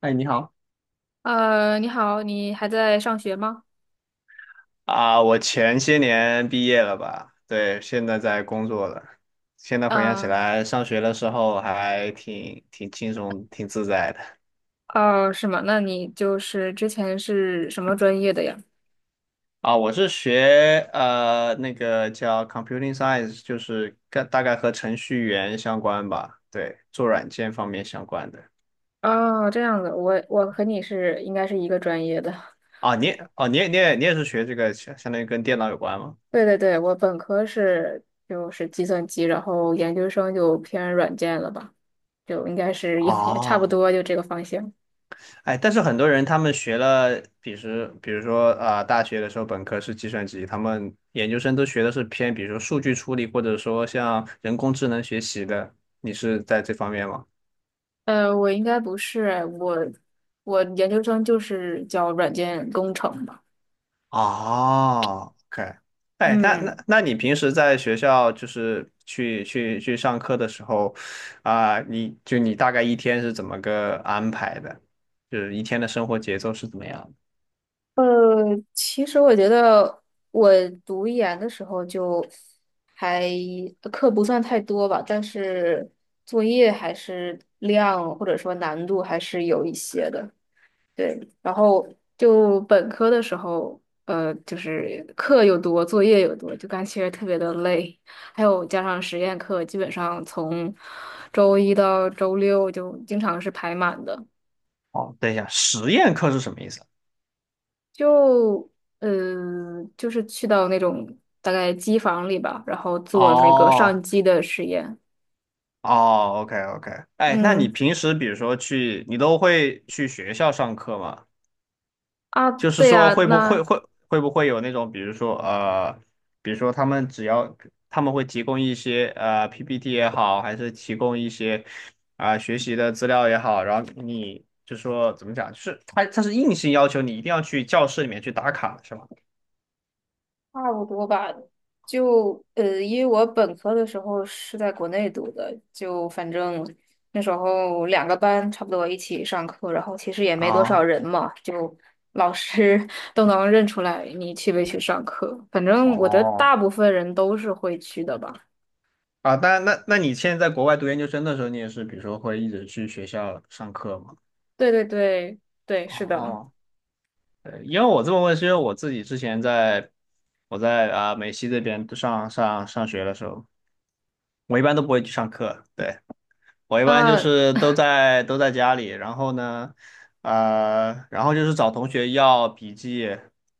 哎，你好。你好，你还在上学吗？啊，我前些年毕业了吧？对，现在在工作了。现在回想起啊，来，上学的时候还挺轻松、挺自在的。哦，是吗？那你就是之前是什么专业的呀？啊，我是学那个叫 computing science，就是跟大概和程序员相关吧。对，做软件方面相关的。哦，这样子，我和你是应该是一个专业的。啊，你也哦，你也是学这个，相当于跟电脑有关吗？对对对，我本科是就是计算机，然后研究生就偏软件了吧，就应该是也差不哦。多就这个方向。哎，但是很多人他们学了，比如说啊、大学的时候本科是计算机，他们研究生都学的是偏，比如说数据处理，或者说像人工智能学习的。你是在这方面吗？我应该不是，我研究生就是教软件工程吧。哦， O K。 哎，那那嗯。那你平时在学校就是去上课的时候，啊、你大概一天是怎么个安排的？就是一天的生活节奏是怎么样的？呃，其实我觉得我读研的时候就还课不算太多吧，但是作业还是量或者说难度还是有一些的。对，然后就本科的时候，就是课又多，作业又多，就感觉特别的累。还有加上实验课，基本上从周一到周六就经常是排满的。哦，等一下，实验课是什么意思？就就是去到那种大概机房里吧，然后做那个上哦机的实验。哦，OK OK。哎，那你嗯平时比如说去，你都会去学校上课吗？啊，就是对说呀，会不会那会会不会有那种，比如说他们只要他们会提供一些PPT 也好，还是提供一些啊、学习的资料也好，然后你就说怎么讲，就是他是硬性要求你一定要去教室里面去打卡，是吗？差不多吧。因为我本科的时候是在国内读的，就反正那时候2个班差不多一起上课，然后其实也没多少啊。人嘛，就老师 都能认出来你去没去上课。反正我觉得哦。大部分人都是会去的吧。啊，那你现在在国外读研究生的时候，你也是比如说会一直去学校上课吗？对对对对，是的。哦，对，因为我这么问，是因为我自己之前在我啊、美西这边上学的时候，我一般都不会去上课。对。我一般就啊，是都在家里，然后呢，呃，然后就是找同学要笔记，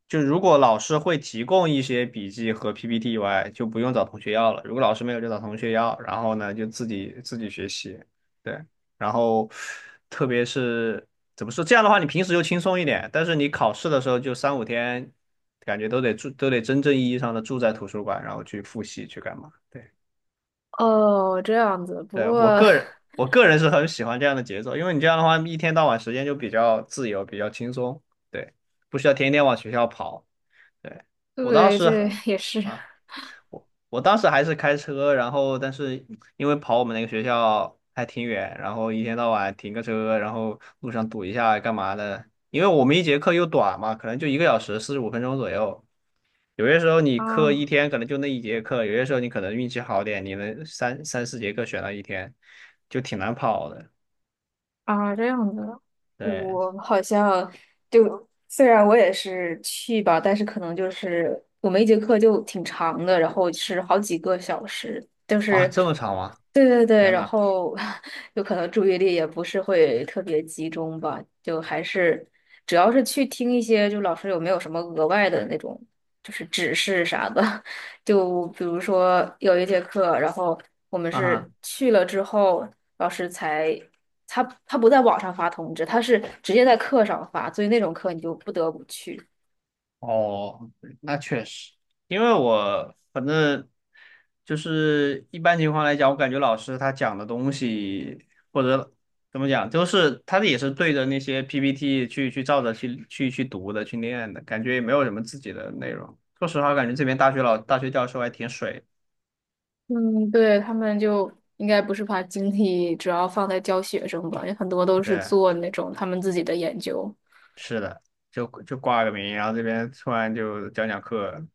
就如果老师会提供一些笔记和 PPT 以外，就不用找同学要了；如果老师没有，就找同学要，然后呢，就自己学习。对，然后特别是怎么说，这样的话你平时就轻松一点，但是你考试的时候就3、5天，感觉都得住，都得真正意义上的住在图书馆，然后去复习去干嘛。对。哦，这样子。不对，我过，个人，我个人是很喜欢这样的节奏，因为你这样的话，一天到晚时间就比较自由，比较轻松。对，不需要天天往学校跑。对，我当对，时这很也是啊。我当时还是开车，然后但是因为跑我们那个学校还挺远，然后一天到晚停个车，然后路上堵一下干嘛的？因为我们一节课又短嘛，可能就1个小时45分钟左右。有些时候你课一啊。天可能就那一节课，有些时候你可能运气好点，你能三四节课选了一天，就挺难跑的。啊，这样子，对我好像就虽然我也是去吧，但是可能就是我们一节课就挺长的，然后是好几个小时，就啊，是这么长吗？对对对，天然呐！后 有可能注意力也不是会特别集中吧，就还是主要是去听一些，就老师有没有什么额外的那种就是指示啥的，就比如说有1节课，然后。我们啊是哈。去了之后，老师才他不在网上发通知，他是直接在课上发，所以那种课你就不得不去。哦，那确实，因为我反正就是一般情况来讲，我感觉老师他讲的东西或者怎么讲，就是他也是对着那些 PPT 去照着去读的去念的，感觉也没有什么自己的内容。说实话，感觉这边大学教授还挺水。嗯，对，他们就应该不是把精力主要放在教学生吧，有很多都是对，做那种他们自己的研究。是的，就挂个名，然后这边突然就讲讲课，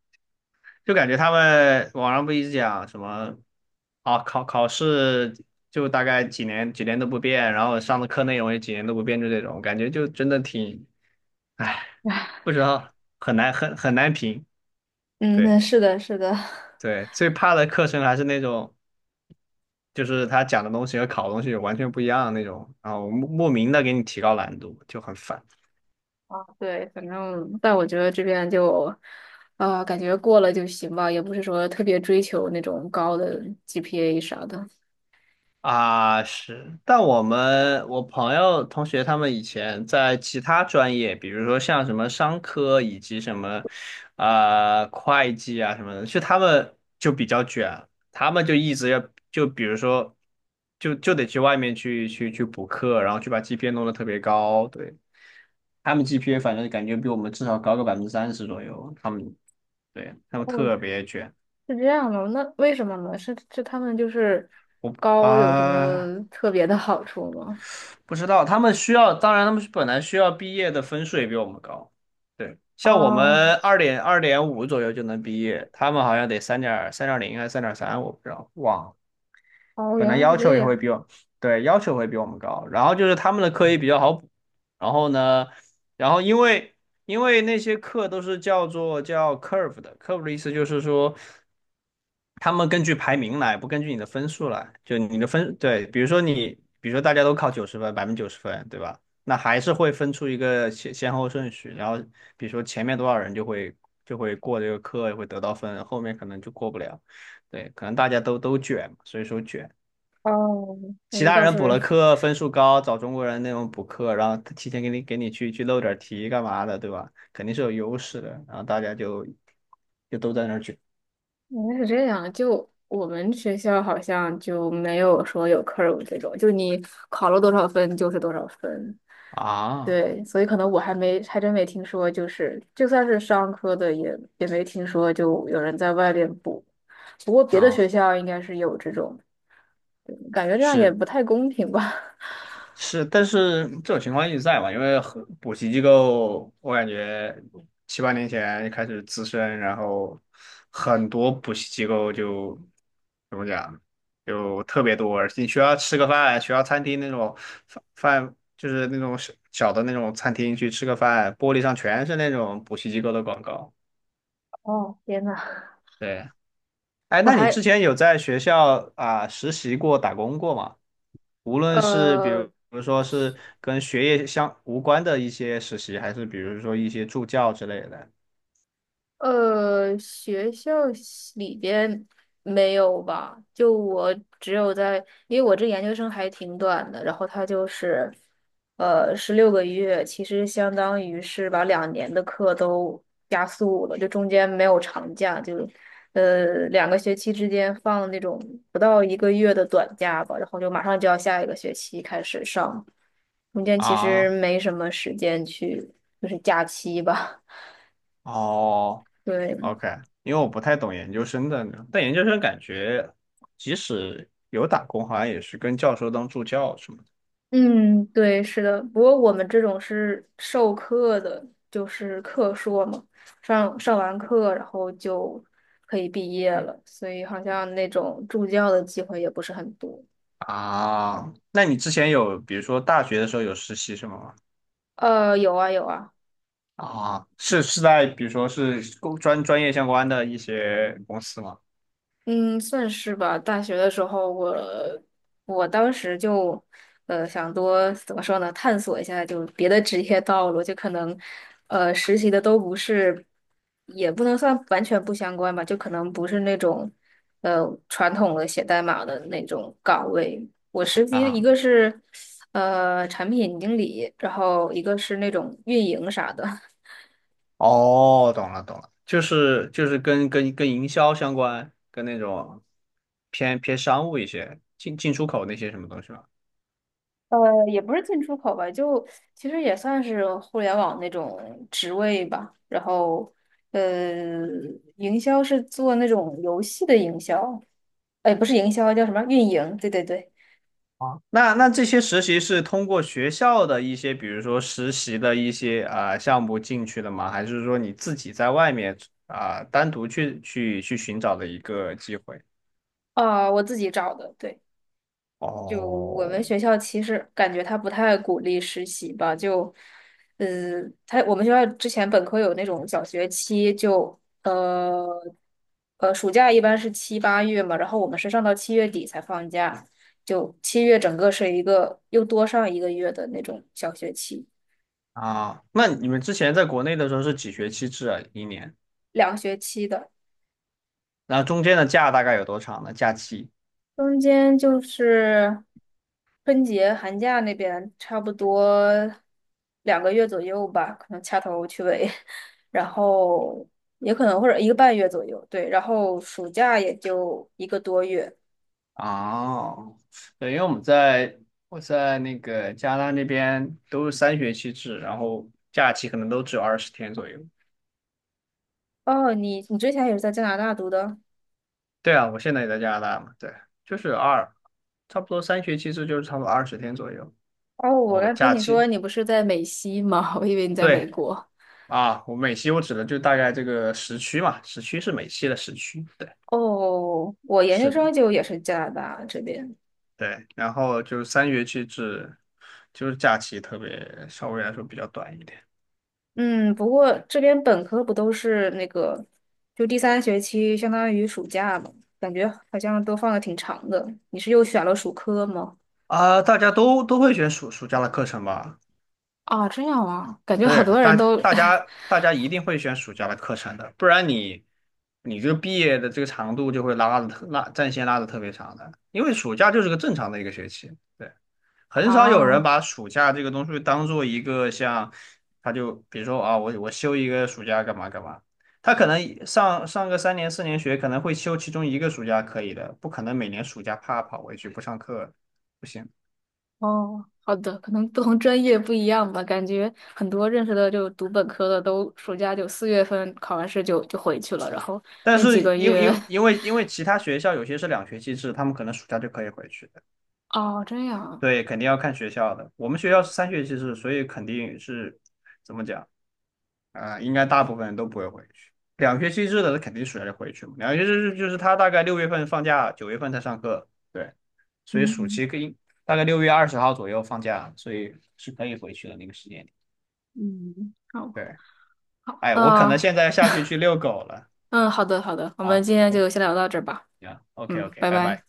就感觉他们网上不一直讲什么啊，考试就大概几年几年都不变，然后上的课内容也几年都不变，就这种感觉，就真的挺，唉，不知道很难很难评。嗯，对是的，是的。对，最怕的课程还是那种，就是他讲的东西和考的东西完全不一样的那种，然后莫名的给你提高难度，就很烦。对，反正但我觉得这边就，啊，感觉过了就行吧，也不是说特别追求那种高的 GPA 啥的。啊，是，但我朋友同学他们以前在其他专业，比如说像什么商科以及什么，呃，会计啊什么的，就他们就比较卷，他们就一直要就比如说，就得去外面去补课，然后去把 GPA 弄得特别高。对，他们 GPA 反正感觉比我们至少高个30%左右，他们对他们特别卷。是这样的，那为什么呢？是他们就是我高有什啊。么特别的好处吗？不知道，他们需要，当然他们本来需要毕业的分数也比我们高。对，像我哦们二点二点五左右就能毕业，他们好像得三点三点零还是三点三，我不知道，忘了。哦，本原来来要是求这也会样。比我，对，要求会比我们高。然后就是他们的课也比较好补，然后呢，然后因为那些课都是叫做叫 curve 的，curve 的意思就是说。他们根据排名来，不根据你的分数来。就你的分，对，比如说你，比如说大家都考九十分，90%分，对吧？那还是会分出一个先后顺序，然后比如说前面多少人就会就会过这个课，会得到分，后面可能就过不了。对，可能大家都卷嘛所以说卷。哦，其我他倒人补是了课，分数高，找中国人那种补课，然后他提前给你去漏点题干嘛的，对吧？肯定是有优势的，然后大家就就都在那儿卷。原来是这样。就我们学校好像就没有说有课 u r 这种，就你考了多少分就是多少分。啊对，所以可能我还没还真没听说，就是就算是商科的也没听说就有人在外面补。不过别的学啊。校应该是有这种，对感觉这样也是不太公平吧。是，但是这种情况一直在嘛，因为很补习机构，我感觉7、8年前开始滋生，然后很多补习机构就怎么讲，就特别多。你学校吃个饭，学校餐厅那种饭饭就是那种小小的那种餐厅去吃个饭，玻璃上全是那种补习机构的广告。哦，天呐，对，哎，我那你之还前有在学校啊、实习过、打工过吗？无论是比如呃，比如说是跟学业相无关的一些实习，还是比如说一些助教之类的学校系里边没有吧？就我只有在，因为我这研究生还挺短的，然后它就是，16个月，其实相当于是把2年的课都加速了，就中间没有长假，就，2个学期之间放那种不到一个月的短假吧，然后就马上就要下一个学期开始上，中间其实啊？没什么时间去，就是假期吧。哦 对，，OK,因为我不太懂研究生的，但研究生感觉即使有打工，好像也是跟教授当助教什么的嗯，对，是的。不过我们这种是授课的，就是课硕嘛，上完课然后就可以毕业了，所以好像那种助教的机会也不是很多。啊。那你之前有比如说大学的时候有实习什么吗？有啊有啊，啊，是是在比如说是工专业相关的一些公司吗？嗯，算是吧。大学的时候我，当时就，想多怎么说呢，探索一下就别的职业道路，就可能，实习的都不是，也不能算完全不相关吧，就可能不是那种，传统的写代码的那种岗位。我实习啊，一个是，产品经理，然后一个是那种运营啥的。哦，懂了懂了，就是就是跟营销相关，跟那种偏商务一些，进出口那些什么东西吧。呃，也不是进出口吧，就其实也算是互联网那种职位吧。然后，呃，营销是做那种游戏的营销，哎，不是营销，叫什么运营？对对对，啊，那那这些实习是通过学校的一些，比如说实习的一些啊、项目进去的吗？还是说你自己在外面啊、单独去寻找的一个机会？啊、我自己找的，对。就我们哦，学校其实感觉他不太鼓励实习吧，就，呃，他我们学校之前本科有那种小学期就，暑假一般是七八月嘛，然后我们是上到7月底才放假，就七月整个是一个又多上一个月的那种小学期，啊，那你们之前在国内的时候是几学期制啊？一年，两学期的。那中间的假大概有多长呢？假期？中间就是春节、寒假那边，差不多2个月左右吧，可能掐头去尾，然后也可能或者1个半月左右，对，然后暑假也就1个多月。哦，对，因为我们在我在那个加拿大那边都是三学期制，然后假期可能都只有二十天左右。哦，你之前也是在加拿大读的？对啊，我现在也在加拿大嘛，对，就是二，差不多三学期制就是差不多二十天左右。哦，我哦，刚听假你说期，你不是在美西吗？我以为你在美对国。啊，我美期我指的就大概这个时区嘛，时区是美期的时区，对，哦，我研究是的，生就也是加拿大这边。对，然后就是三学期制，就是假期特别稍微来说比较短一点。嗯，不过这边本科不都是那个，就第三学期相当于暑假嘛，感觉好像都放的挺长的。你是又选了暑科吗？啊，大家都都会选暑假的课程吧？啊，这样啊，感觉好对，多人都 大家一定会选暑假的课程的，不然你你这个毕业的这个长度就会拉战线拉的特别长的，因为暑假就是个正常的一个学期，对，很少有人啊，把暑假这个东西当做一个像，他就比如说啊，我休一个暑假干嘛干嘛，他可能上个3、4年学可能会休其中一个暑假可以的，不可能每年暑假啪跑回去不上课，不行。哦，好的，可能不同专业不一样吧，感觉很多认识的就读本科的都暑假就4月份考完试就回去了，然后但那几是个因为月，其他学校有些是两学期制，他们可能暑假就可以回去的。哦，这样啊，对，肯定要看学校的。我们学校好，是三学期制，所以肯定是怎么讲啊、呃应该大部分人都不会回去。两学期制的，肯定暑假就回去嘛。两学期制就是他大概6月份放假，9月份才上课。对，所以暑嗯期可以大概6月20号左右放假，所以是可以回去的那个时间点。嗯，嗯好对，好，哎，我可能那。现在下去去遛狗了。嗯，好的，好的，我们好，今我天们就先聊到这儿吧。行，OK 嗯，OK,拜拜拜。拜。